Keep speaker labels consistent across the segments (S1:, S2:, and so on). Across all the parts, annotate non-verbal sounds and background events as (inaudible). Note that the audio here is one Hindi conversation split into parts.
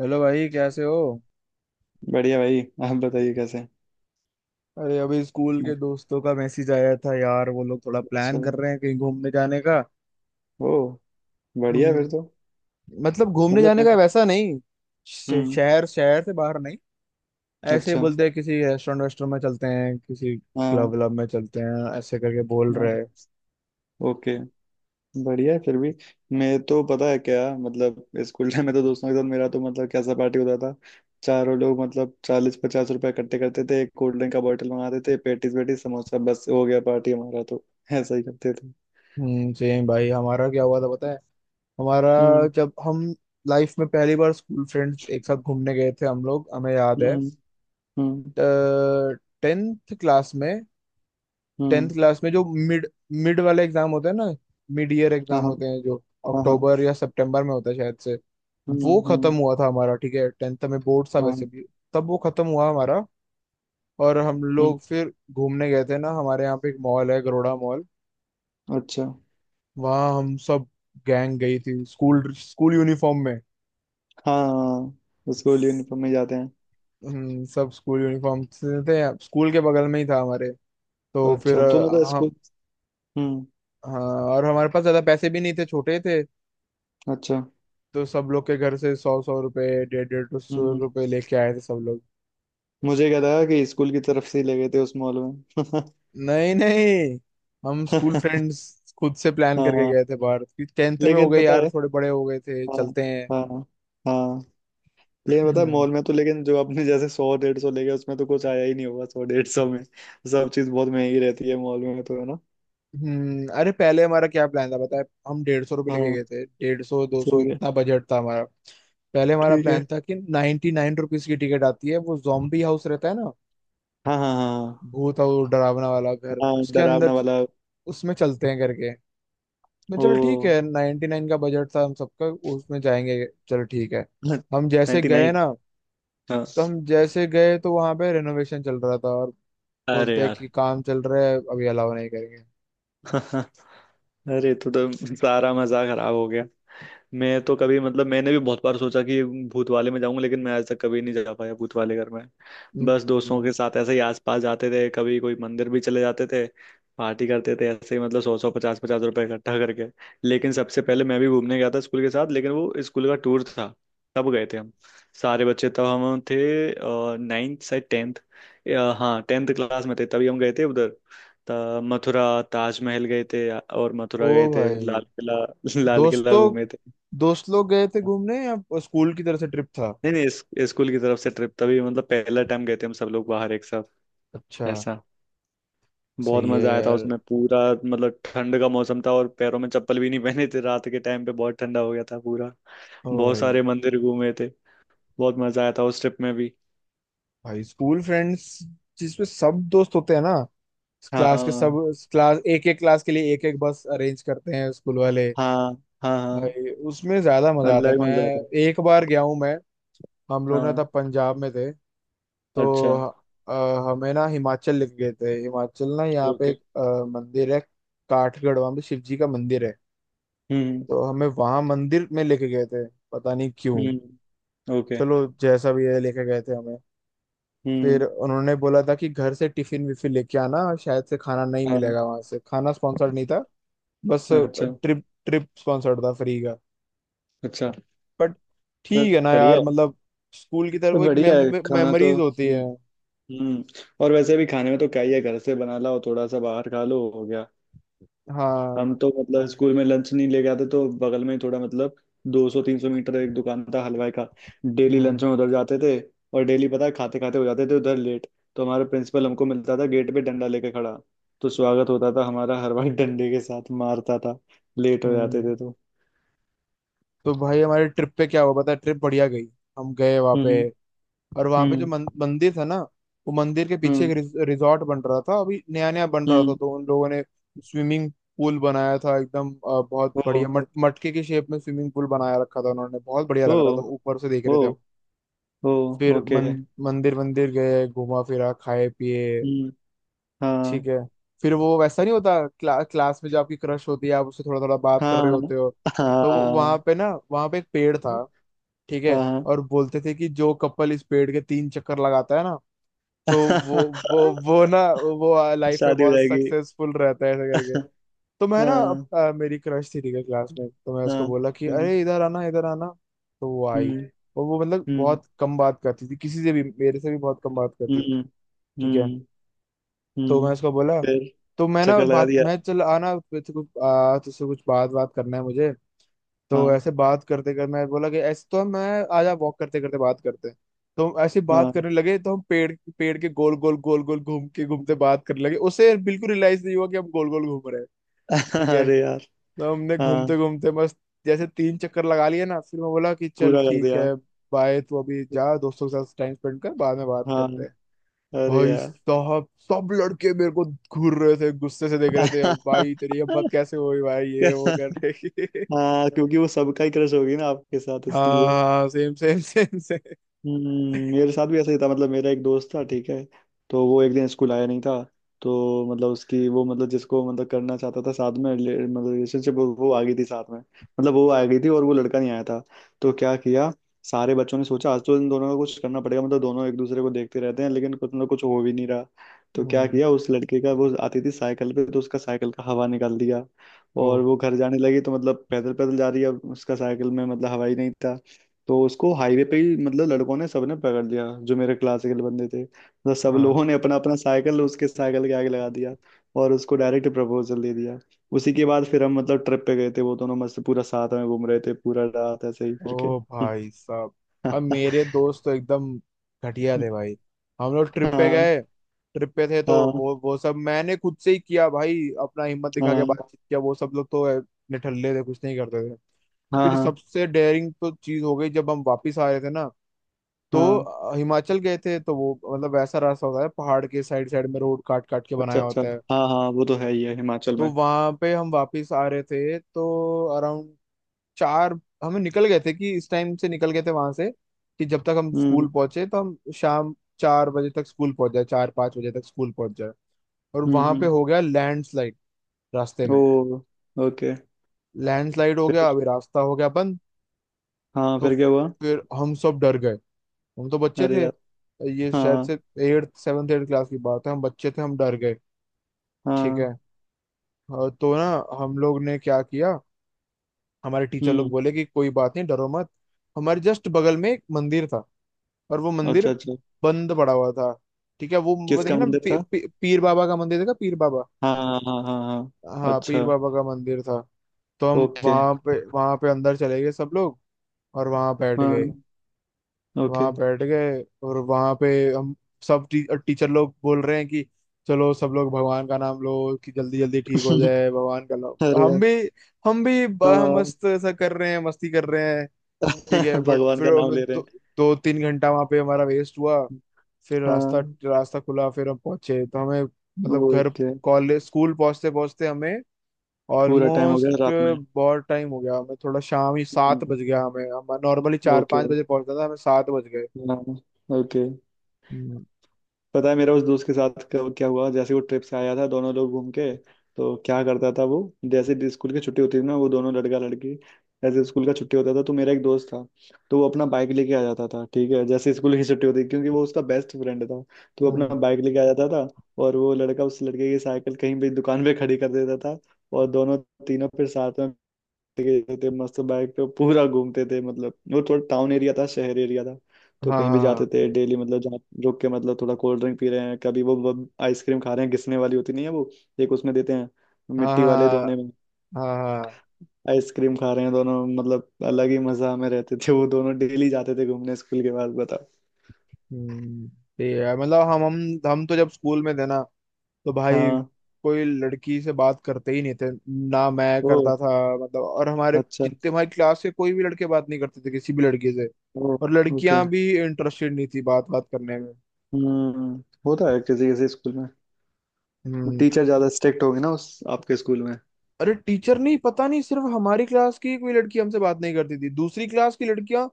S1: हेलो भाई कैसे हो।
S2: बढ़िया भाई। आप बताइए कैसे हैं?
S1: अरे अभी स्कूल के
S2: मतलब।
S1: दोस्तों का मैसेज आया था यार वो लोग थोड़ा प्लान कर
S2: चलो।
S1: रहे हैं कहीं घूमने जाने का।
S2: ओ। बढ़िया फिर तो।
S1: हम्म, मतलब घूमने
S2: मतलब
S1: जाने
S2: मैं।
S1: का वैसा नहीं। श-
S2: हम्म।
S1: शहर शहर से बाहर नहीं। ऐसे ही
S2: अच्छा।
S1: बोलते हैं किसी रेस्टोरेंट वेस्टोरेंट में चलते हैं किसी
S2: हाँ।
S1: क्लब व्लब में चलते हैं ऐसे करके बोल
S2: हाँ।
S1: रहे हैं।
S2: ओके। बढ़िया है फिर भी। मैं तो पता है क्या मतलब स्कूल टाइम में तो दोस्तों के साथ मेरा तो मतलब कैसा पार्टी होता था। चारों लोग मतलब 40-50 रुपए इकट्ठे करते थे एक कोल्ड ड्रिंक का बॉटल मंगाते थे पेटीज वेटीज समोसा बस हो गया पार्टी हमारा तो। ऐसा ही करते थे।
S1: सेम भाई हमारा क्या हुआ था पता है। हमारा
S2: हम्म।
S1: जब हम लाइफ में पहली बार स्कूल फ्रेंड्स एक साथ घूमने गए थे हम लोग हमें याद है।
S2: हम्म। हम्म।
S1: 10th क्लास में। 10th
S2: हम्म।
S1: क्लास में जो मिड मिड वाला एग्जाम होता है ना। मिड ईयर
S2: हाँ।
S1: एग्जाम
S2: हाँ।
S1: होते हैं जो
S2: हाँ। हाँ।
S1: अक्टूबर या सितंबर में होता है शायद से।
S2: हम्म।
S1: वो खत्म
S2: हम्म।
S1: हुआ था हमारा ठीक है 10th में बोर्ड था
S2: हाँ।
S1: वैसे भी। तब वो खत्म हुआ हमारा। और हम
S2: हम्म।
S1: लोग फिर घूमने गए थे ना हमारे यहाँ पे एक मॉल है गरोड़ा मॉल।
S2: अच्छा।
S1: वहाँ हम सब गैंग गई थी स्कूल स्कूल यूनिफॉर्म में।
S2: हाँ स्कूल यूनिफॉर्म में जाते हैं।
S1: सब स्कूल यूनिफॉर्म से थे। स्कूल के बगल में ही था हमारे। तो फिर
S2: अच्छा तो मतलब
S1: हम।
S2: स्कूल। हम्म।
S1: हाँ। और हमारे पास ज्यादा पैसे भी नहीं थे छोटे थे।
S2: अच्छा।
S1: तो सब लोग के घर से 100-100 रुपए 150-150 200
S2: हम्म।
S1: रुपए लेके आए थे सब लोग।
S2: मुझे क्या था कि स्कूल की तरफ से ही ले गए थे उस मॉल में।
S1: नहीं नहीं हम स्कूल फ्रेंड्स खुद से
S2: (laughs)
S1: प्लान करके
S2: हाँ।
S1: गए थे बाहर कि टेंथ में हो
S2: लेकिन
S1: गए
S2: पता
S1: यार
S2: है।
S1: थोड़े बड़े हो गए थे
S2: हाँ।
S1: चलते हैं।
S2: हाँ। हाँ। लेकिन पता है मॉल में
S1: (clears throat)
S2: तो लेकिन जो आपने जैसे 100-150 ले गए उसमें तो कुछ आया ही नहीं होगा 100-150 में। सब चीज बहुत महंगी रहती है मॉल में तो है ना।
S1: अरे पहले हमारा क्या प्लान था बताए हम 150 रुपये लेके
S2: हाँ।
S1: गए थे 150 200
S2: ठीक है।
S1: इतना बजट था हमारा। पहले हमारा
S2: ठीक है।
S1: प्लान था कि 99 रुपीज की टिकट आती है वो जॉम्बी हाउस रहता है ना।
S2: हाँ। हाँ। हाँ।
S1: भूत और डरावना वाला घर
S2: हाँ
S1: उसके अंदर
S2: डरावना वाला।
S1: उसमें चलते हैं करके। मैं
S2: ओ।
S1: चलो ठीक है 99 का बजट था हम सबका। उसमें जाएंगे चलो ठीक है।
S2: (laughs)
S1: हम जैसे
S2: नाइनटी
S1: गए
S2: नाइन।
S1: ना
S2: हाँ।
S1: तो हम जैसे गए तो वहां पे रेनोवेशन चल रहा था और
S2: अरे
S1: बोलते हैं
S2: यार।
S1: कि काम चल रहा है अभी अलाउ नहीं करेंगे।
S2: (laughs) अरे तो सारा मजा खराब हो गया। मैं तो कभी मतलब मैंने भी बहुत बार सोचा कि भूत वाले में जाऊंगा लेकिन मैं आज तक कभी नहीं जा पाया भूत वाले घर में। बस दोस्तों के
S1: हम्म,
S2: साथ ऐसे ही आसपास जाते थे कभी कोई मंदिर भी चले जाते थे। पार्टी करते थे ऐसे ही मतलब सौ सौ पचास पचास रुपए इकट्ठा करके। लेकिन सबसे पहले मैं भी घूमने गया था स्कूल के साथ लेकिन वो स्कूल का टूर था। तब गए थे हम। सारे बच्चे तब हम थे। नाइन्थ से टेंथ। हाँ टेंथ क्लास में थे तभी हम गए थे उधर। मथुरा। ताजमहल गए थे और
S1: ओ
S2: मथुरा गए थे लाल
S1: भाई।
S2: किला। (laughs) लाल किला
S1: दोस्तों
S2: घूमे थे।
S1: दोस्त लोग गए थे घूमने या स्कूल की तरफ से ट्रिप था।
S2: नहीं नहीं स्कूल की तरफ से ट्रिप तभी मतलब पहला टाइम गए थे हम सब लोग बाहर एक साथ।
S1: अच्छा।
S2: ऐसा। बहुत
S1: सही है
S2: मजा आया था
S1: यार।
S2: उसमें पूरा मतलब ठंड का मौसम था और पैरों में चप्पल भी नहीं पहने थे रात के टाइम पे बहुत ठंडा हो गया था पूरा।
S1: ओ
S2: बहुत
S1: भाई।
S2: सारे मंदिर घूमे थे। बहुत मजा आया था उस ट्रिप में भी।
S1: भाई स्कूल फ्रेंड्स जिसमें सब दोस्त होते हैं ना। क्लास के सब।
S2: हाँ।
S1: क्लास एक एक क्लास के लिए एक एक बस अरेंज करते हैं स्कूल वाले।
S2: हाँ। हाँ। हाँ।
S1: भाई उसमें ज्यादा मजा आता है
S2: अलग
S1: मैं।
S2: मजा आता है।
S1: एक बार गया हूँ मैं। हम लोग ना तब
S2: हाँ।
S1: पंजाब में थे।
S2: अच्छा।
S1: तो अ, हमें ना हिमाचल लेके गए थे। हिमाचल ना यहाँ पे
S2: ओके।
S1: एक मंदिर है। काठगढ़ वहाँ पे शिव जी का मंदिर है।
S2: हम्म।
S1: तो हमें वहाँ मंदिर में लेके गए थे। पता नहीं क्यों।
S2: हम्म। ओके।
S1: चलो जैसा भी है लेके गए थे हमें। फिर
S2: हम्म।
S1: उन्होंने बोला था कि घर से टिफिन विफिन लेके आना शायद से खाना नहीं
S2: हाँ।
S1: मिलेगा वहां से खाना स्पॉन्सर्ड नहीं था। बस।
S2: अच्छा।
S1: ट्रिप ट्रिप स्पॉन्सर्ड था फ्री का।
S2: अच्छा।
S1: बट ठीक है
S2: बस
S1: ना
S2: बढ़िया
S1: यार
S2: है।
S1: मतलब। स्कूल की
S2: तो
S1: तरफ एक
S2: बढ़िया है खाना तो
S1: मेमोरीज होती
S2: हम्म।
S1: है।
S2: हम्म और वैसे भी खाने में तो क्या ही है घर से बना लाओ थोड़ा सा बाहर खा लो हो गया।
S1: हाँ।
S2: हम तो मतलब स्कूल में लंच नहीं लेके आते तो बगल में ही थोड़ा मतलब 200-300 मीटर एक दुकान था हलवाई का। डेली
S1: हम्म
S2: लंच में उधर जाते थे। और डेली पता है खाते खाते हो जाते थे उधर लेट। तो हमारा प्रिंसिपल हमको मिलता था गेट पे डंडा लेके खड़ा। तो स्वागत होता था हमारा हलवाई डंडे के साथ मारता था। लेट हो
S1: हम्म।
S2: जाते थे तो।
S1: तो भाई हमारे ट्रिप पे क्या हुआ पता है ट्रिप बढ़िया गई। हम गए वहाँ पे
S2: हम्म।
S1: और वहाँ पे जो
S2: हम्म।
S1: मंदिर था ना। वो मंदिर के पीछे एक
S2: हम्म।
S1: रिजॉर्ट बन रहा था अभी नया नया बन रहा था
S2: हम्म।
S1: तो उन लोगों ने स्विमिंग पूल बनाया था एकदम बहुत
S2: ओ।
S1: बढ़िया मटके की शेप में स्विमिंग पूल बनाया रखा था उन्होंने बहुत बढ़िया
S2: ओ।
S1: लग रहा था ऊपर से देख
S2: ओ।
S1: रहे थे हम।
S2: ओ।
S1: फिर
S2: ओके।
S1: मन, मंदिर मंदिर गए घूमा फिरा खाए पिए।
S2: हम्म। हाँ।
S1: ठीक है। फिर वो वैसा नहीं होता क्लास में जो आपकी क्रश होती है आप उससे थोड़ा थोड़ा बात कर रहे
S2: हाँ।
S1: होते हो। तो वहां
S2: हाँ।
S1: पे ना वहां पे एक पेड़ था। ठीक है।
S2: हाँ।
S1: और बोलते थे कि जो कपल इस पेड़ के 3 चक्कर लगाता है ना। तो वो वो
S2: (laughs)
S1: वो लाइफ में
S2: शादी हो
S1: बहुत
S2: जाएगी।
S1: सक्सेसफुल रहता है ऐसा करके। तो मैं ना
S2: हाँ।
S1: मेरी क्रश थी ठीक है क्लास में तो मैं उसको
S2: हाँ।
S1: बोला कि अरे इधर आना इधर आना। तो वो आई।
S2: हम्म। हम्म।
S1: और वो मतलब
S2: हम्म।
S1: बहुत कम बात करती थी किसी से भी मेरे से भी बहुत कम बात करती
S2: हम्म।
S1: थी। ठीक है।
S2: हम्म।
S1: तो मैं
S2: हम्म।
S1: उसको बोला।
S2: फिर।
S1: तो मैं ना
S2: चक्कर लगा
S1: बात
S2: दिया।
S1: मैं चल आना तुझसे कुछ तुझसे कुछ बात बात करना है मुझे। तो
S2: हाँ।
S1: ऐसे बात करते कर मैं बोला कि ऐसे तो मैं आज वॉक करते करते बात करते हैं। तो हम ऐसे बात
S2: हाँ।
S1: करने लगे तो हम पेड़ पेड़ के गोल गोल गोल गोल घूम के घूमते बात करने लगे उसे बिल्कुल रियलाइज नहीं हुआ कि हम गोल गोल घूम रहे हैं।
S2: (laughs)
S1: ठीक है।
S2: अरे यार।
S1: तो हमने घूमते
S2: हाँ।
S1: घूमते मस्त जैसे 3 चक्कर लगा लिए ना फिर मैं बोला कि चल
S2: पूरा कर
S1: ठीक
S2: दिया।
S1: है। बाय तू अभी जा दोस्तों के साथ टाइम स्पेंड कर बाद में बात
S2: हाँ।
S1: करते हैं।
S2: अरे
S1: भाई
S2: यार।
S1: साहब सब लड़के मेरे को घूर रहे थे गुस्से से देख रहे थे अब भाई तेरी
S2: (laughs)
S1: हिम्मत कैसे हुई भाई ये वो करने की।
S2: हाँ क्योंकि वो सबका ही क्रश होगी ना आपके साथ
S1: (laughs)
S2: इसलिए।
S1: हाँ सेम सेम सेम सेम।
S2: मेरे साथ भी ऐसा ही था मतलब मेरा एक दोस्त था ठीक है। तो वो एक दिन स्कूल आया नहीं था। तो मतलब उसकी वो मतलब जिसको मतलब करना चाहता था साथ में मतलब रिलेशनशिप वो आ गई थी साथ में मतलब वो आ गई थी और वो लड़का नहीं आया था। तो क्या किया। सारे बच्चों ने सोचा आज तो इन दोनों को कुछ करना पड़ेगा मतलब दोनों एक दूसरे को देखते रहते हैं लेकिन कुछ ना कुछ हो भी नहीं रहा। तो क्या
S1: हम्म।
S2: किया उस लड़के का वो आती थी साइकिल पे तो उसका साइकिल का हवा निकाल दिया।
S1: ओ।
S2: और वो घर जाने लगी तो मतलब पैदल पैदल जा रही है अब उसका साइकिल में मतलब हवा ही नहीं था। तो उसको हाईवे पे ही मतलब लड़कों ने सबने पकड़ लिया जो मेरे क्लासिकल बंदे थे मतलब सब
S1: हाँ।
S2: लोगों ने अपना अपना साइकिल उसके साइकिल के आगे लगा दिया। और उसको डायरेक्ट प्रपोजल दे दिया। उसी के बाद फिर हम मतलब ट्रिप पे गए थे वो दोनों मस्त पूरा साथ में घूम रहे थे पूरा रात ऐसे ही करके।
S1: ओ
S2: (laughs)
S1: भाई साहब। अब मेरे दोस्त तो एकदम घटिया थे भाई। हम लोग ट्रिप पे
S2: हाँ।
S1: गए। ट्रिप पे थे तो
S2: हाँ।
S1: वो सब मैंने खुद से ही किया भाई अपना हिम्मत दिखा के
S2: हाँ।
S1: बातचीत किया वो सब लोग तो निठल्ले थे कुछ नहीं करते थे।
S2: हाँ।
S1: फिर
S2: हाँ।
S1: सबसे डेयरिंग तो चीज हो गई जब हम वापस आ रहे थे ना।
S2: हाँ।
S1: तो हिमाचल गए थे तो वो मतलब वैसा रास्ता होता है पहाड़ के साइड साइड में रोड काट काट के
S2: अच्छा।
S1: बनाया
S2: अच्छा।
S1: होता है।
S2: हाँ हाँ वो तो है ही है हिमाचल
S1: तो
S2: में।
S1: वहां पे हम वापस आ रहे थे तो अराउंड 4 हमें निकल गए थे कि इस टाइम से निकल गए थे वहां से कि जब तक हम
S2: हम्म।
S1: स्कूल पहुंचे तो हम शाम 4 बजे तक स्कूल पहुंच जाए 4-5 बजे तक स्कूल पहुंच जाए। और वहां पे
S2: हम्म।
S1: हो गया लैंडस्लाइड रास्ते
S2: ओ।
S1: में।
S2: ओके।
S1: लैंडस्लाइड हो गया
S2: फिर।
S1: अभी रास्ता हो गया बंद।
S2: हाँ
S1: तो
S2: फिर क्या हुआ।
S1: फिर हम सब डर गए। हम तो बच्चे
S2: अरे
S1: थे
S2: यार।
S1: ये शायद
S2: हाँ।
S1: से 8th 7th एट क्लास की बात है हम बच्चे थे हम डर गए। ठीक
S2: हाँ।
S1: है। हाँ, तो ना हम लोग ने क्या किया हमारे टीचर लोग
S2: हम्म।
S1: बोले कि कोई बात नहीं डरो मत। हमारे जस्ट बगल में एक मंदिर था और वो मंदिर
S2: अच्छा। अच्छा।
S1: बंद पड़ा हुआ था। ठीक है वो देखे
S2: किसका
S1: ना
S2: मंदिर
S1: पी,
S2: था।
S1: पी, पीर बाबा का मंदिर देखा पीर बाबा।
S2: हाँ हाँ हाँ हाँ हाँ,
S1: हाँ पीर
S2: अच्छा।
S1: बाबा का मंदिर था। तो हम
S2: ओके।
S1: वहां पे अंदर चले गए सब लोग। और वहां बैठ गए।
S2: हाँ। ओके।
S1: वहां बैठ गए और वहां पे हम सब टीचर लोग बोल रहे हैं कि चलो सब लोग भगवान का नाम लो। कि जल्दी जल्दी ठीक हो
S2: (laughs)
S1: जाए भगवान का नाम
S2: अरे
S1: हम
S2: यार।
S1: भी हम भी
S2: हाँ।
S1: मस्त ऐसा कर रहे हैं मस्ती कर रहे हैं। ठीक है
S2: (laughs)
S1: बट
S2: भगवान
S1: फिर
S2: का नाम
S1: हमें
S2: ले रहे हैं।
S1: 2-3 घंटा वहां पे हमारा वेस्ट हुआ। फिर रास्ता
S2: हाँ।
S1: रास्ता खुला फिर हम पहुंचे तो हमें मतलब घर
S2: ओके।
S1: कॉलेज स्कूल पहुंचते पहुंचते हमें
S2: पूरा टाइम हो गया
S1: ऑलमोस्ट
S2: रात में।
S1: बहुत टाइम हो गया हमें थोड़ा शाम ही सात
S2: हम्म।
S1: बज गया हमें हम नॉर्मली चार
S2: ओके।
S1: पाँच बजे पहुंचता था हमें 7 बज
S2: हाँ। ओके।
S1: गए।
S2: पता है मेरा उस दोस्त के साथ कब क्या हुआ जैसे वो ट्रिप से आया था दोनों लोग घूम के। तो क्या करता था वो। जैसे स्कूल की छुट्टी होती थी ना वो दोनों लड़का लड़की। जैसे स्कूल का छुट्टी होता था तो मेरा एक दोस्त था। तो वो अपना बाइक लेके आ जाता था ठीक है जैसे स्कूल की छुट्टी होती क्योंकि वो उसका बेस्ट फ्रेंड था। तो वो अपना
S1: हम्म,
S2: बाइक लेके आ जाता था। और वो लड़का उस लड़के की साइकिल कहीं भी दुकान पे खड़ी कर देता था। और दोनों। तीनों फिर साथ में। गए थे मस्त बाइक पे पूरा घूमते थे मतलब वो थोड़ा टाउन एरिया था शहर एरिया था। तो
S1: हाँ
S2: कहीं भी जाते थे
S1: हाँ
S2: डेली मतलब जहाँ। रुक के मतलब थोड़ा कोल्ड ड्रिंक पी रहे हैं कभी वो आइसक्रीम खा रहे हैं घिसने वाली होती नहीं है वो। एक उसमें देते हैं।
S1: हाँ
S2: मिट्टी वाले
S1: हाँ
S2: दोने में।
S1: हाँ हाँ, हाँ।
S2: आइसक्रीम खा रहे हैं दोनों मतलब अलग ही मजा में रहते थे वो दोनों डेली जाते थे घूमने स्कूल के बाद बताओ।
S1: हम्म। ठीक है मतलब हम तो जब स्कूल में थे ना। तो भाई
S2: हाँ।
S1: कोई लड़की से बात करते ही नहीं थे। ना मैं
S2: ओ।
S1: करता था। मतलब और हमारे
S2: अच्छा।
S1: जितने हमारी क्लास के कोई भी लड़के बात नहीं करते थे किसी भी लड़के से।
S2: ओ।
S1: और
S2: ओके।
S1: लड़कियां भी इंटरेस्टेड नहीं थी बात बात करने में।
S2: होता है किसी किसी स्कूल में। वो
S1: हम्म।
S2: टीचर ज्यादा स्ट्रिक्ट होगी ना उस आपके स्कूल में।
S1: अरे टीचर नहीं पता नहीं सिर्फ हमारी क्लास की कोई लड़की हमसे बात नहीं करती थी दूसरी क्लास की लड़कियां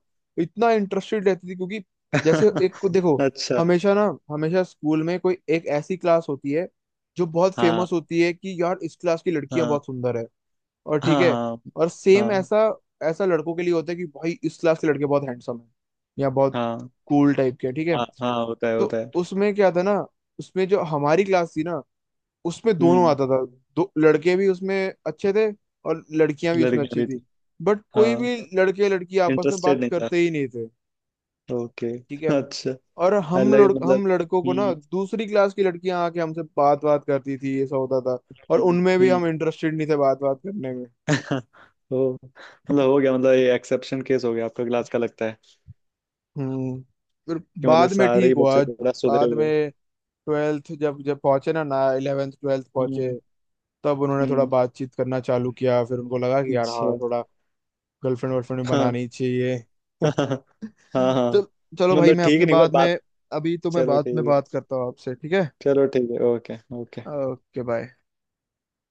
S1: इतना इंटरेस्टेड रहती थी क्योंकि जैसे एक को
S2: (laughs)
S1: देखो
S2: अच्छा।
S1: हमेशा ना हमेशा स्कूल में कोई एक ऐसी क्लास होती है जो बहुत
S2: हाँ।
S1: फेमस होती है कि यार इस क्लास की लड़कियां
S2: हाँ।
S1: बहुत सुंदर है। और
S2: हाँ।
S1: ठीक है।
S2: हाँ।
S1: और सेम
S2: हाँ।
S1: ऐसा ऐसा लड़कों के लिए होता है कि भाई इस क्लास के लड़के बहुत हैंडसम है या बहुत
S2: हाँ।
S1: कूल टाइप के हैं, ठीक है।
S2: हाँ। हाँ होता है
S1: तो
S2: होता है।
S1: उसमें क्या था ना उसमें जो हमारी क्लास थी ना उसमें दोनों
S2: हम्म।
S1: आता था दो लड़के भी उसमें अच्छे थे और लड़कियां भी उसमें
S2: लड़कियां
S1: अच्छी
S2: भी
S1: थी।
S2: थी।
S1: बट कोई
S2: हाँ।
S1: भी लड़के लड़की आपस में
S2: इंटरेस्टेड
S1: बात
S2: नहीं था।
S1: करते ही नहीं थे।
S2: ओके।
S1: ठीक है।
S2: अच्छा।
S1: और
S2: अलग
S1: हम
S2: मतलब।
S1: लड़कों को ना
S2: हम्म।
S1: दूसरी क्लास की लड़कियां आके हमसे बात बात करती थी ऐसा होता था। और
S2: हम्म।
S1: उनमें भी
S2: हम्म।
S1: हम इंटरेस्टेड नहीं थे बात बात करने में।
S2: (laughs) ओ मतलब हो गया मतलब ये एक्सेप्शन केस हो गया आपका क्लास का लगता है।
S1: हम्म फिर
S2: कि मतलब
S1: बाद में
S2: सारे
S1: ठीक
S2: ही
S1: हुआ।
S2: बच्चे थोड़ा सुधरे
S1: बाद में
S2: हुए।
S1: 12th जब जब पहुंचे ना ना 11th 12th पहुंचे।
S2: हम्म।
S1: तब उन्होंने थोड़ा
S2: हम्म।
S1: बातचीत करना चालू किया फिर उनको लगा कि यार हाँ
S2: अच्छा।
S1: थोड़ा गर्लफ्रेंड वर्लफ्रेंड
S2: हाँ।
S1: बनानी चाहिए। (laughs)
S2: हाँ। हाँ। हाँ। हाँ।
S1: चल चलो भाई
S2: मतलब
S1: मैं
S2: ठीक
S1: आपसे
S2: नहीं हुआ
S1: बाद में।
S2: बात।
S1: अभी तो मैं
S2: चलो
S1: बाद
S2: ठीक
S1: में
S2: है।
S1: बात करता हूँ आपसे ठीक है।
S2: चलो ठीक है ओके ओके।
S1: Okay bye.